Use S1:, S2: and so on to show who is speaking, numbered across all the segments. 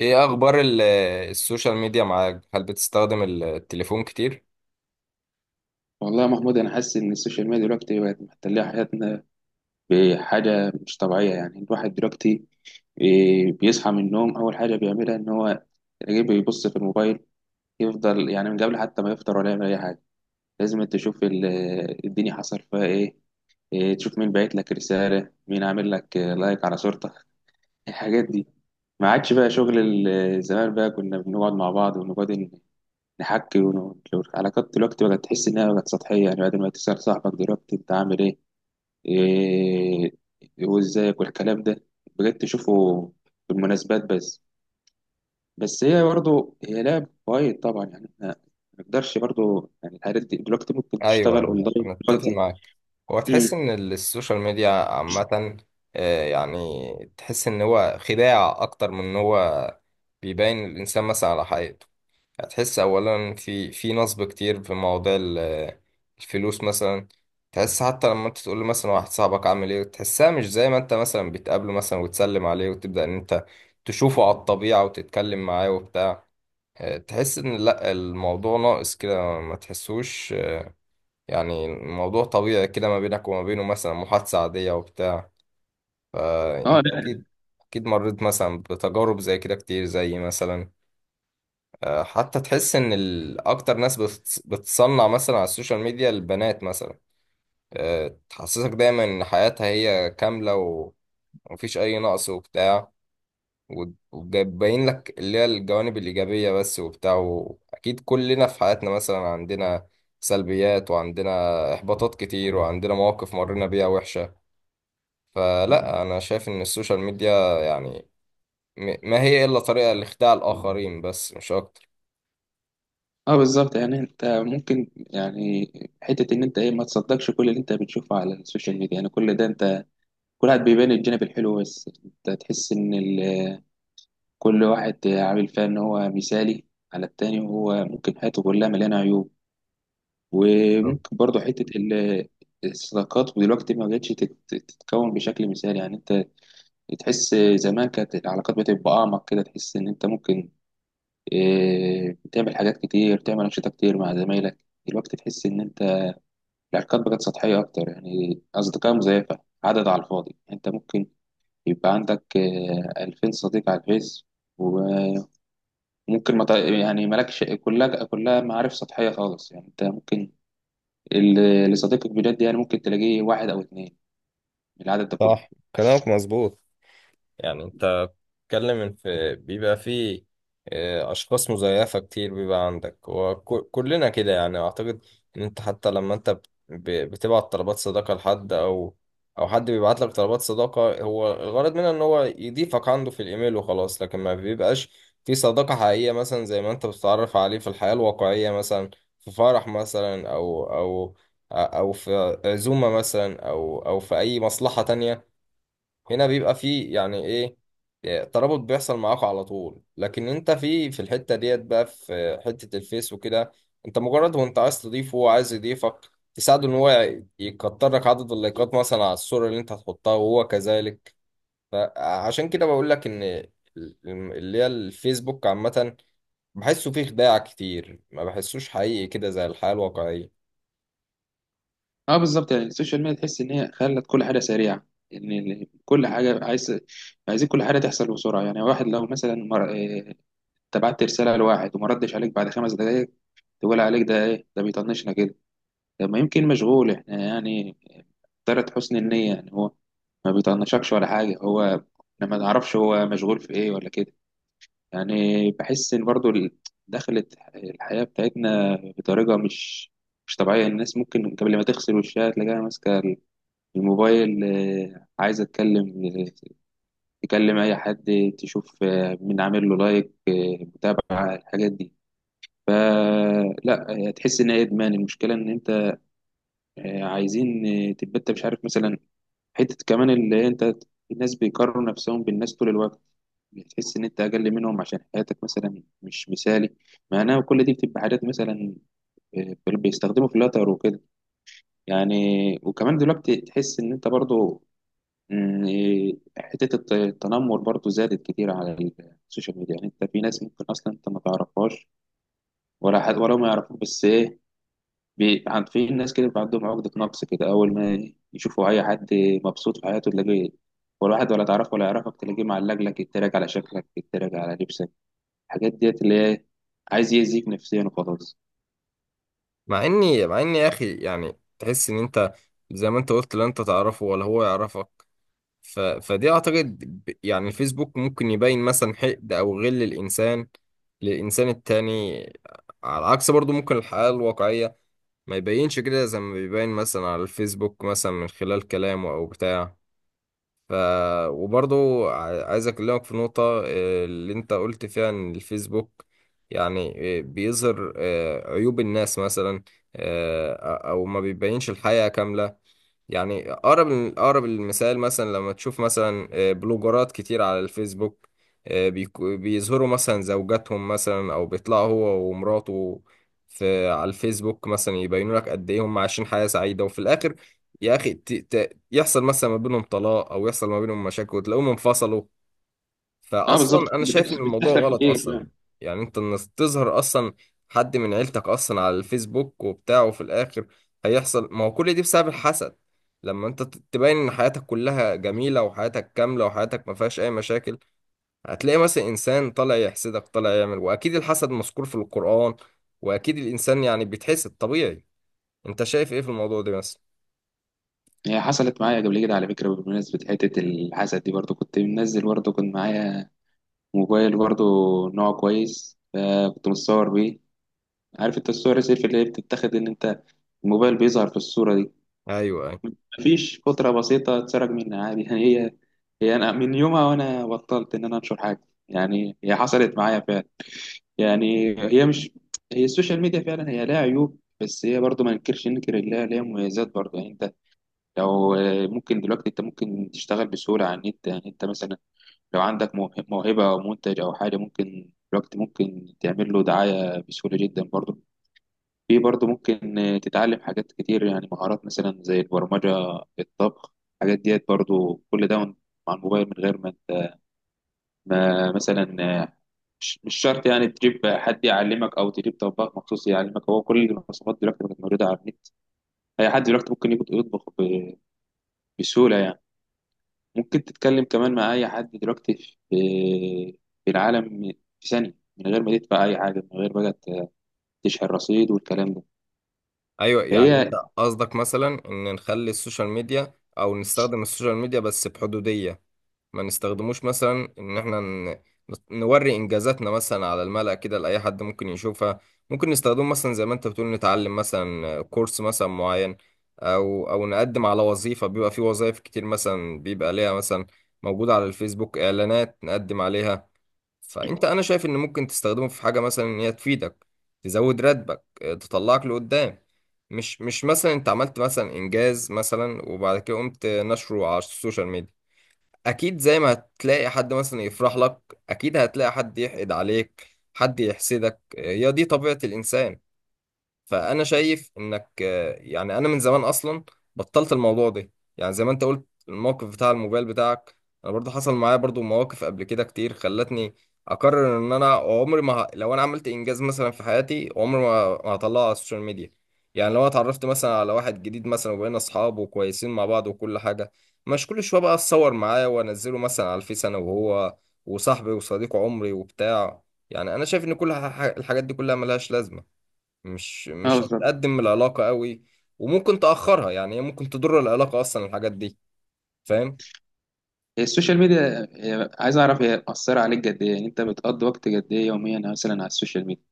S1: ايه اخبار السوشيال ميديا معاك، هل بتستخدم التليفون كتير؟
S2: والله يا محمود، انا حاسس ان السوشيال ميديا دلوقتي بقت محتله حياتنا بحاجه مش طبيعيه. يعني الواحد دلوقتي بيصحى من النوم اول حاجه بيعملها ان هو يجي بيبص في الموبايل. يفضل يعني من قبل حتى ما يفطر ولا يعمل اي حاجه. لازم أنت تشوف الدنيا حصل فيها ايه. تشوف مين باعت لك رساله، مين عامل لك لايك على صورتك، الحاجات دي. ما عادش بقى شغل زمان. بقى كنا بنقعد مع بعض ونقعد نحكي العلاقات دلوقتي بقت تحس انها بقت سطحيه. يعني بعد ما تسال صاحبك دلوقتي انت عامل ايه، إيه وازيك والكلام ده، بقيت تشوفه في المناسبات بس. بس هي برضه هي لعب وايد طبعا. يعني احنا ما نقدرش، برضه يعني الحاجات دي دلوقتي ممكن
S1: ايوه،
S2: تشتغل اونلاين
S1: انا اتفق
S2: دلوقتي.
S1: معاك. هو
S2: امم.
S1: تحس ان السوشيال ميديا عامه، يعني تحس ان هو خداع اكتر من ان هو بيبين الانسان مثلا على حقيقته. هتحس اولا في نصب كتير في مواضيع الفلوس مثلا. تحس حتى لما انت تقول له مثلا واحد صاحبك عامل ايه تحسها مش زي ما انت مثلا بتقابله مثلا وتسلم عليه وتبدا ان انت تشوفه على الطبيعه وتتكلم معاه وبتاع. تحس ان لا، الموضوع ناقص كده ما تحسوش يعني الموضوع طبيعي كده ما بينك وما بينه، مثلا محادثة عادية وبتاع.
S2: اه،
S1: فانت
S2: لا.
S1: اكيد اكيد مريت مثلا بتجارب زي كده كتير، زي مثلا حتى تحس ان اكتر ناس بتصنع مثلا على السوشيال ميديا، البنات مثلا. تحسسك دايما ان حياتها هي كاملة ومفيش اي نقص وبتاع، وباين لك اللي هي الجوانب الإيجابية بس وبتاع. أكيد كلنا في حياتنا مثلا عندنا سلبيات، وعندنا إحباطات كتير، وعندنا مواقف مرينا بيها وحشة. فلا، أنا شايف إن السوشيال ميديا يعني ما هي إلا طريقة لإخداع الآخرين بس، مش أكتر.
S2: اه، بالظبط. يعني انت ممكن، يعني حته ان انت ايه، ما تصدقش كل اللي انت بتشوفه على السوشيال ميديا. يعني كل ده، انت كل واحد بيبان الجانب الحلو بس. انت تحس ان كل واحد عامل فيها ان هو مثالي على التاني، وهو ممكن حياته كلها مليانه عيوب. وممكن برضه حته الصداقات ودلوقتي ما بقتش تتكون بشكل مثالي. يعني انت تحس زمان كانت العلاقات بتبقى اعمق كده. تحس ان انت ممكن تعمل حاجات كتير، تعمل انشطه كتير مع زمايلك. دلوقتي تحس ان انت العلاقات بقت سطحيه اكتر. يعني اصدقاء مزيفه، عدد على الفاضي. انت ممكن يبقى عندك 2000 صديق على الفيس، ممكن ما تع- يعني مالكش، كلها كلها معارف سطحية خالص. يعني انت ممكن اللي صديقك بجد يعني ممكن تلاقيه واحد او اتنين من العدد ده كله.
S1: صح، كلامك مظبوط. يعني انت بتتكلم ان بيبقى في اشخاص مزيفه كتير بيبقى عندك، وكلنا كده يعني اعتقد. ان انت حتى لما انت بتبعت طلبات صداقه لحد او حد بيبعت لك طلبات صداقه، هو الغرض منها ان هو يضيفك عنده في الايميل وخلاص، لكن ما بيبقاش في صداقه حقيقيه مثلا زي ما انت بتتعرف عليه في الحياه الواقعيه مثلا، في فرح مثلا او في عزومه مثلا او في اي مصلحه تانية. هنا بيبقى فيه يعني ايه، إيه، ترابط بيحصل معاك على طول، لكن انت في الحتة ديت بقى، في حتة الفيس وكده انت مجرد، وانت عايز تضيفه وهو عايز يضيفك تساعده ان هو يكتر لك عدد اللايكات مثلا على الصورة اللي انت هتحطها وهو كذلك. فعشان كده بقول لك ان اللي هي الفيسبوك عامة بحسه فيه خداع كتير، ما بحسوش حقيقي كده زي الحياة الواقعية.
S2: اه، بالظبط. يعني السوشيال ميديا تحس ان هي خلت كل حاجة سريعة. ان كل حاجة عايزين كل حاجة تحصل بسرعة. يعني واحد لو مثلا مر... اه، انت بعت رسالة لواحد وما ردش عليك بعد 5 دقايق، تقول عليك ده ايه، ده بيطنشنا كده. طب ما يمكن مشغول، احنا يعني طرت حسن النية. يعني هو ما بيطنشكش ولا حاجة، هو احنا ما نعرفش هو مشغول في ايه ولا كده، يعني. بحس ان برضو دخلت الحياة بتاعتنا بطريقة مش طبيعية. الناس ممكن قبل ما تغسل وشها تلاقيها ماسكة الموبايل. عايزة تكلم، تكلم أي حد، تشوف مين عامل له لايك، متابعة الحاجات دي. فلا، تحس إن هي إدمان. المشكلة إن أنت عايزين تبقى أنت مش عارف، مثلا حتة كمان اللي أنت، الناس بيقارنوا نفسهم بالناس طول الوقت. بتحس ان انت اقل منهم عشان حياتك مثلا مش مثالي. معناها كل دي بتبقى حاجات، مثلا بيستخدموا فلاتر وكده يعني. وكمان دلوقتي تحس ان انت برضو حتة التنمر برضو زادت كتير على السوشيال ميديا. يعني انت في ناس ممكن اصلا انت ما تعرفهاش ولا حد، ولا ما يعرفوك، بس ايه، في ناس كده بيبقى عندهم عقدة نقص كده. اول ما يشوفوا اي حد مبسوط في حياته تلاقيه، ولا واحد ولا تعرفه ولا يعرفك، تلاقيه معلق لك يتريق على شكلك، يتريق على لبسك، الحاجات ديت اللي هي عايز يأذيك نفسيا وخلاص.
S1: مع اني يا اخي يعني تحس ان انت زي ما انت قلت لا انت تعرفه ولا هو يعرفك. ف... فدي اعتقد يعني الفيسبوك ممكن يبين مثلا حقد او غل الانسان للانسان التاني، على عكس برضو ممكن الحياة الواقعية ما يبينش كده زي ما بيبين مثلا على الفيسبوك مثلا من خلال كلامه او بتاع. ف وبرضو عايز اكلمك في نقطة اللي انت قلت فيها ان الفيسبوك يعني بيظهر عيوب الناس مثلا، آه، او ما بيبينش الحقيقة كاملة. يعني اقرب المثال، مثلا لما تشوف مثلا بلوجرات كتير على الفيسبوك، بيظهروا مثلا زوجاتهم مثلا او بيطلعوا هو ومراته في على الفيسبوك مثلا، يبينوا لك قد ايه هم عايشين حياة سعيدة، وفي الاخر يا اخي يحصل مثلا ما بينهم طلاق، او يحصل ما بينهم مشاكل وتلاقيهم انفصلوا.
S2: اه،
S1: فاصلا
S2: بالظبط،
S1: انا شايف ان
S2: بتحصل
S1: الموضوع
S2: بتحصل
S1: غلط
S2: كتير
S1: اصلا.
S2: فعلا.
S1: يعني انت، انك تظهر اصلا حد من عيلتك اصلا على الفيسبوك وبتاع، وفي الاخر هيحصل، ما هو كل دي بسبب الحسد. لما انت تبين ان حياتك كلها جميلة وحياتك كاملة وحياتك ما فيهاش اي مشاكل، هتلاقي مثلا انسان طالع يحسدك طالع يعمل. واكيد الحسد مذكور في القرآن، واكيد الانسان يعني بيتحسد طبيعي. انت شايف ايه في الموضوع ده مثلا؟
S2: هي حصلت معايا قبل كده على فكرة. بمناسبة حتة الحسد دي، برضو كنت منزل، برضو كان معايا موبايل، برضو نوع كويس، فكنت متصور بيه. عارف انت الصور السيلفي اللي هي بتتاخد ان انت الموبايل بيظهر في الصورة دي؟
S1: ايوه،
S2: مفيش فترة بسيطة، اتسرق منها عادي يعني هي، هي انا من يومها وانا بطلت ان انا انشر حاجة. يعني هي حصلت معايا فعلا. يعني هي مش هي السوشيال ميديا فعلا هي لها عيوب، بس هي برضه ما ننكرش ننكر إن ليها مميزات برضه. يعني انت لو ممكن دلوقتي انت ممكن تشتغل بسهولة على النت. يعني انت مثلا لو عندك موهبة او منتج او حاجة، ممكن دلوقتي ممكن تعمل له دعاية بسهولة جدا برضه. في برضه ممكن تتعلم حاجات كتير، يعني مهارات مثلا زي البرمجة، الطبخ، الحاجات ديت برضه. كل ده مع الموبايل من غير ما انت، ما مثلا آه، مش شرط يعني تجيب حد يعلمك او تجيب طباخ مخصوص يعلمك. هو كل الوصفات دلوقتي بقت موجوده على النت. اي حد دلوقتي ممكن يجي يطبخ بسهوله يعني. ممكن تتكلم كمان مع اي حد دلوقتي في في العالم، في ثانيه، من غير ما تدفع اي حاجه، من غير بقى تشحن رصيد والكلام ده.
S1: ايوه، يعني انت
S2: فهي
S1: قصدك مثلا ان نخلي السوشيال ميديا او نستخدم السوشيال ميديا بس بحدودية، ما نستخدموش مثلا ان احنا نوري انجازاتنا مثلا على الملأ كده لاي حد ممكن يشوفها. ممكن نستخدمه مثلا زي ما انت بتقول، نتعلم مثلا كورس مثلا معين، او نقدم على وظيفة. بيبقى في وظائف كتير مثلا بيبقى ليها مثلا موجودة على الفيسبوك اعلانات نقدم عليها. فانت انا شايف ان ممكن تستخدمه في حاجه مثلا ان هي تفيدك، تزود راتبك، تطلعك لقدام. مش مثلا انت عملت مثلا انجاز مثلا وبعد كده قمت نشره على السوشيال ميديا. اكيد زي ما هتلاقي حد مثلا يفرح لك، اكيد هتلاقي حد يحقد عليك، حد يحسدك، هي دي طبيعه الانسان. فانا شايف انك يعني انا من زمان اصلا بطلت الموضوع ده. يعني زي ما انت قلت، الموقف بتاع الموبايل بتاعك، انا برضو حصل معايا برضو مواقف قبل كده كتير خلتني اقرر ان انا عمري ما لو انا عملت انجاز مثلا في حياتي عمري ما هطلعه على السوشيال ميديا. يعني لو أنا اتعرفت مثلا على واحد جديد مثلا وبقينا اصحاب وكويسين مع بعض وكل حاجه، مش كل شويه بقى اتصور معاه وانزله مثلا على الفيس انا وهو، وصاحبي وصديق عمري وبتاع. يعني انا شايف ان كل الحاجات دي كلها ملهاش لازمه، مش
S2: اه،
S1: مش
S2: بالظبط.
S1: هتقدم العلاقة قوي، وممكن تأخرها. يعني هي ممكن تضر العلاقة أصلا الحاجات دي، فاهم؟
S2: هي السوشيال ميديا عايز اعرف هي مأثره عليك قد ايه. يعني انت بتقضي وقت قد ايه يوميا مثلا على السوشيال ميديا؟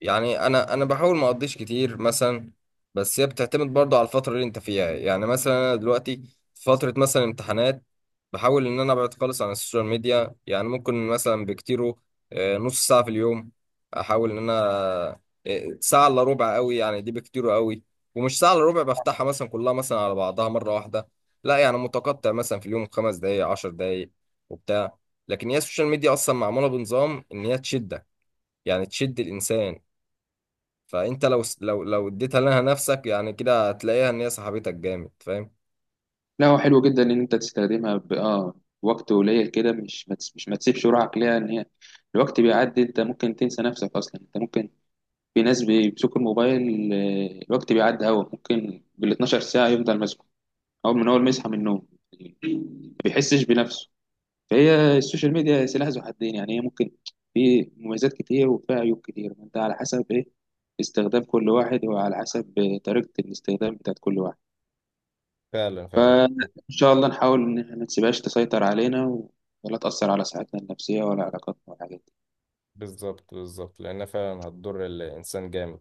S1: يعني انا بحاول ما اقضيش كتير مثلا، بس هي بتعتمد برضه على الفتره اللي انت فيها. يعني مثلا انا دلوقتي في فتره مثلا امتحانات، بحاول ان انا ابعد خالص عن السوشيال ميديا. يعني ممكن مثلا بكتيره نص ساعه في اليوم. احاول ان انا ساعه الا ربع قوي، يعني دي بكتيره قوي. ومش ساعه الا ربع بفتحها مثلا كلها مثلا على بعضها مره واحده، لا، يعني متقطع مثلا في اليوم 5 دقائق 10 دقائق وبتاع. لكن هي السوشيال ميديا اصلا معموله بنظام ان هي تشدك، يعني تشد الانسان. فانت لو لو اديتها لها نفسك يعني كده هتلاقيها ان هي صاحبتك جامد، فاهم؟
S2: لا، هو حلو جدا ان انت تستخدمها ب... اه وقت قليل كده، مش ما تس- مش ما تسيبش روحك ليها ان هي الوقت بيعدي. انت ممكن تنسى نفسك اصلا. انت ممكن، في ناس بيمسكوا الموبايل الوقت بيعدي، هوا ممكن بال 12 ساعة يفضل ماسكه اول ما يصحى من النوم ما بيحسش بنفسه. فهي السوشيال ميديا سلاح ذو حدين. يعني هي ممكن، في مميزات كتير وفيها عيوب كتير. انت على حسب ايه استخدام كل واحد، وعلى حسب طريقة الاستخدام بتاعت كل واحد.
S1: فعلا فعلا،
S2: إن شاء الله نحاول إن إحنا ما تسيبهاش تسيطر علينا، ولا تأثر على صحتنا النفسية ولا علاقاتنا ولا حاجة.
S1: بالظبط بالظبط، لأنها فعلا هتضر الإنسان جامد.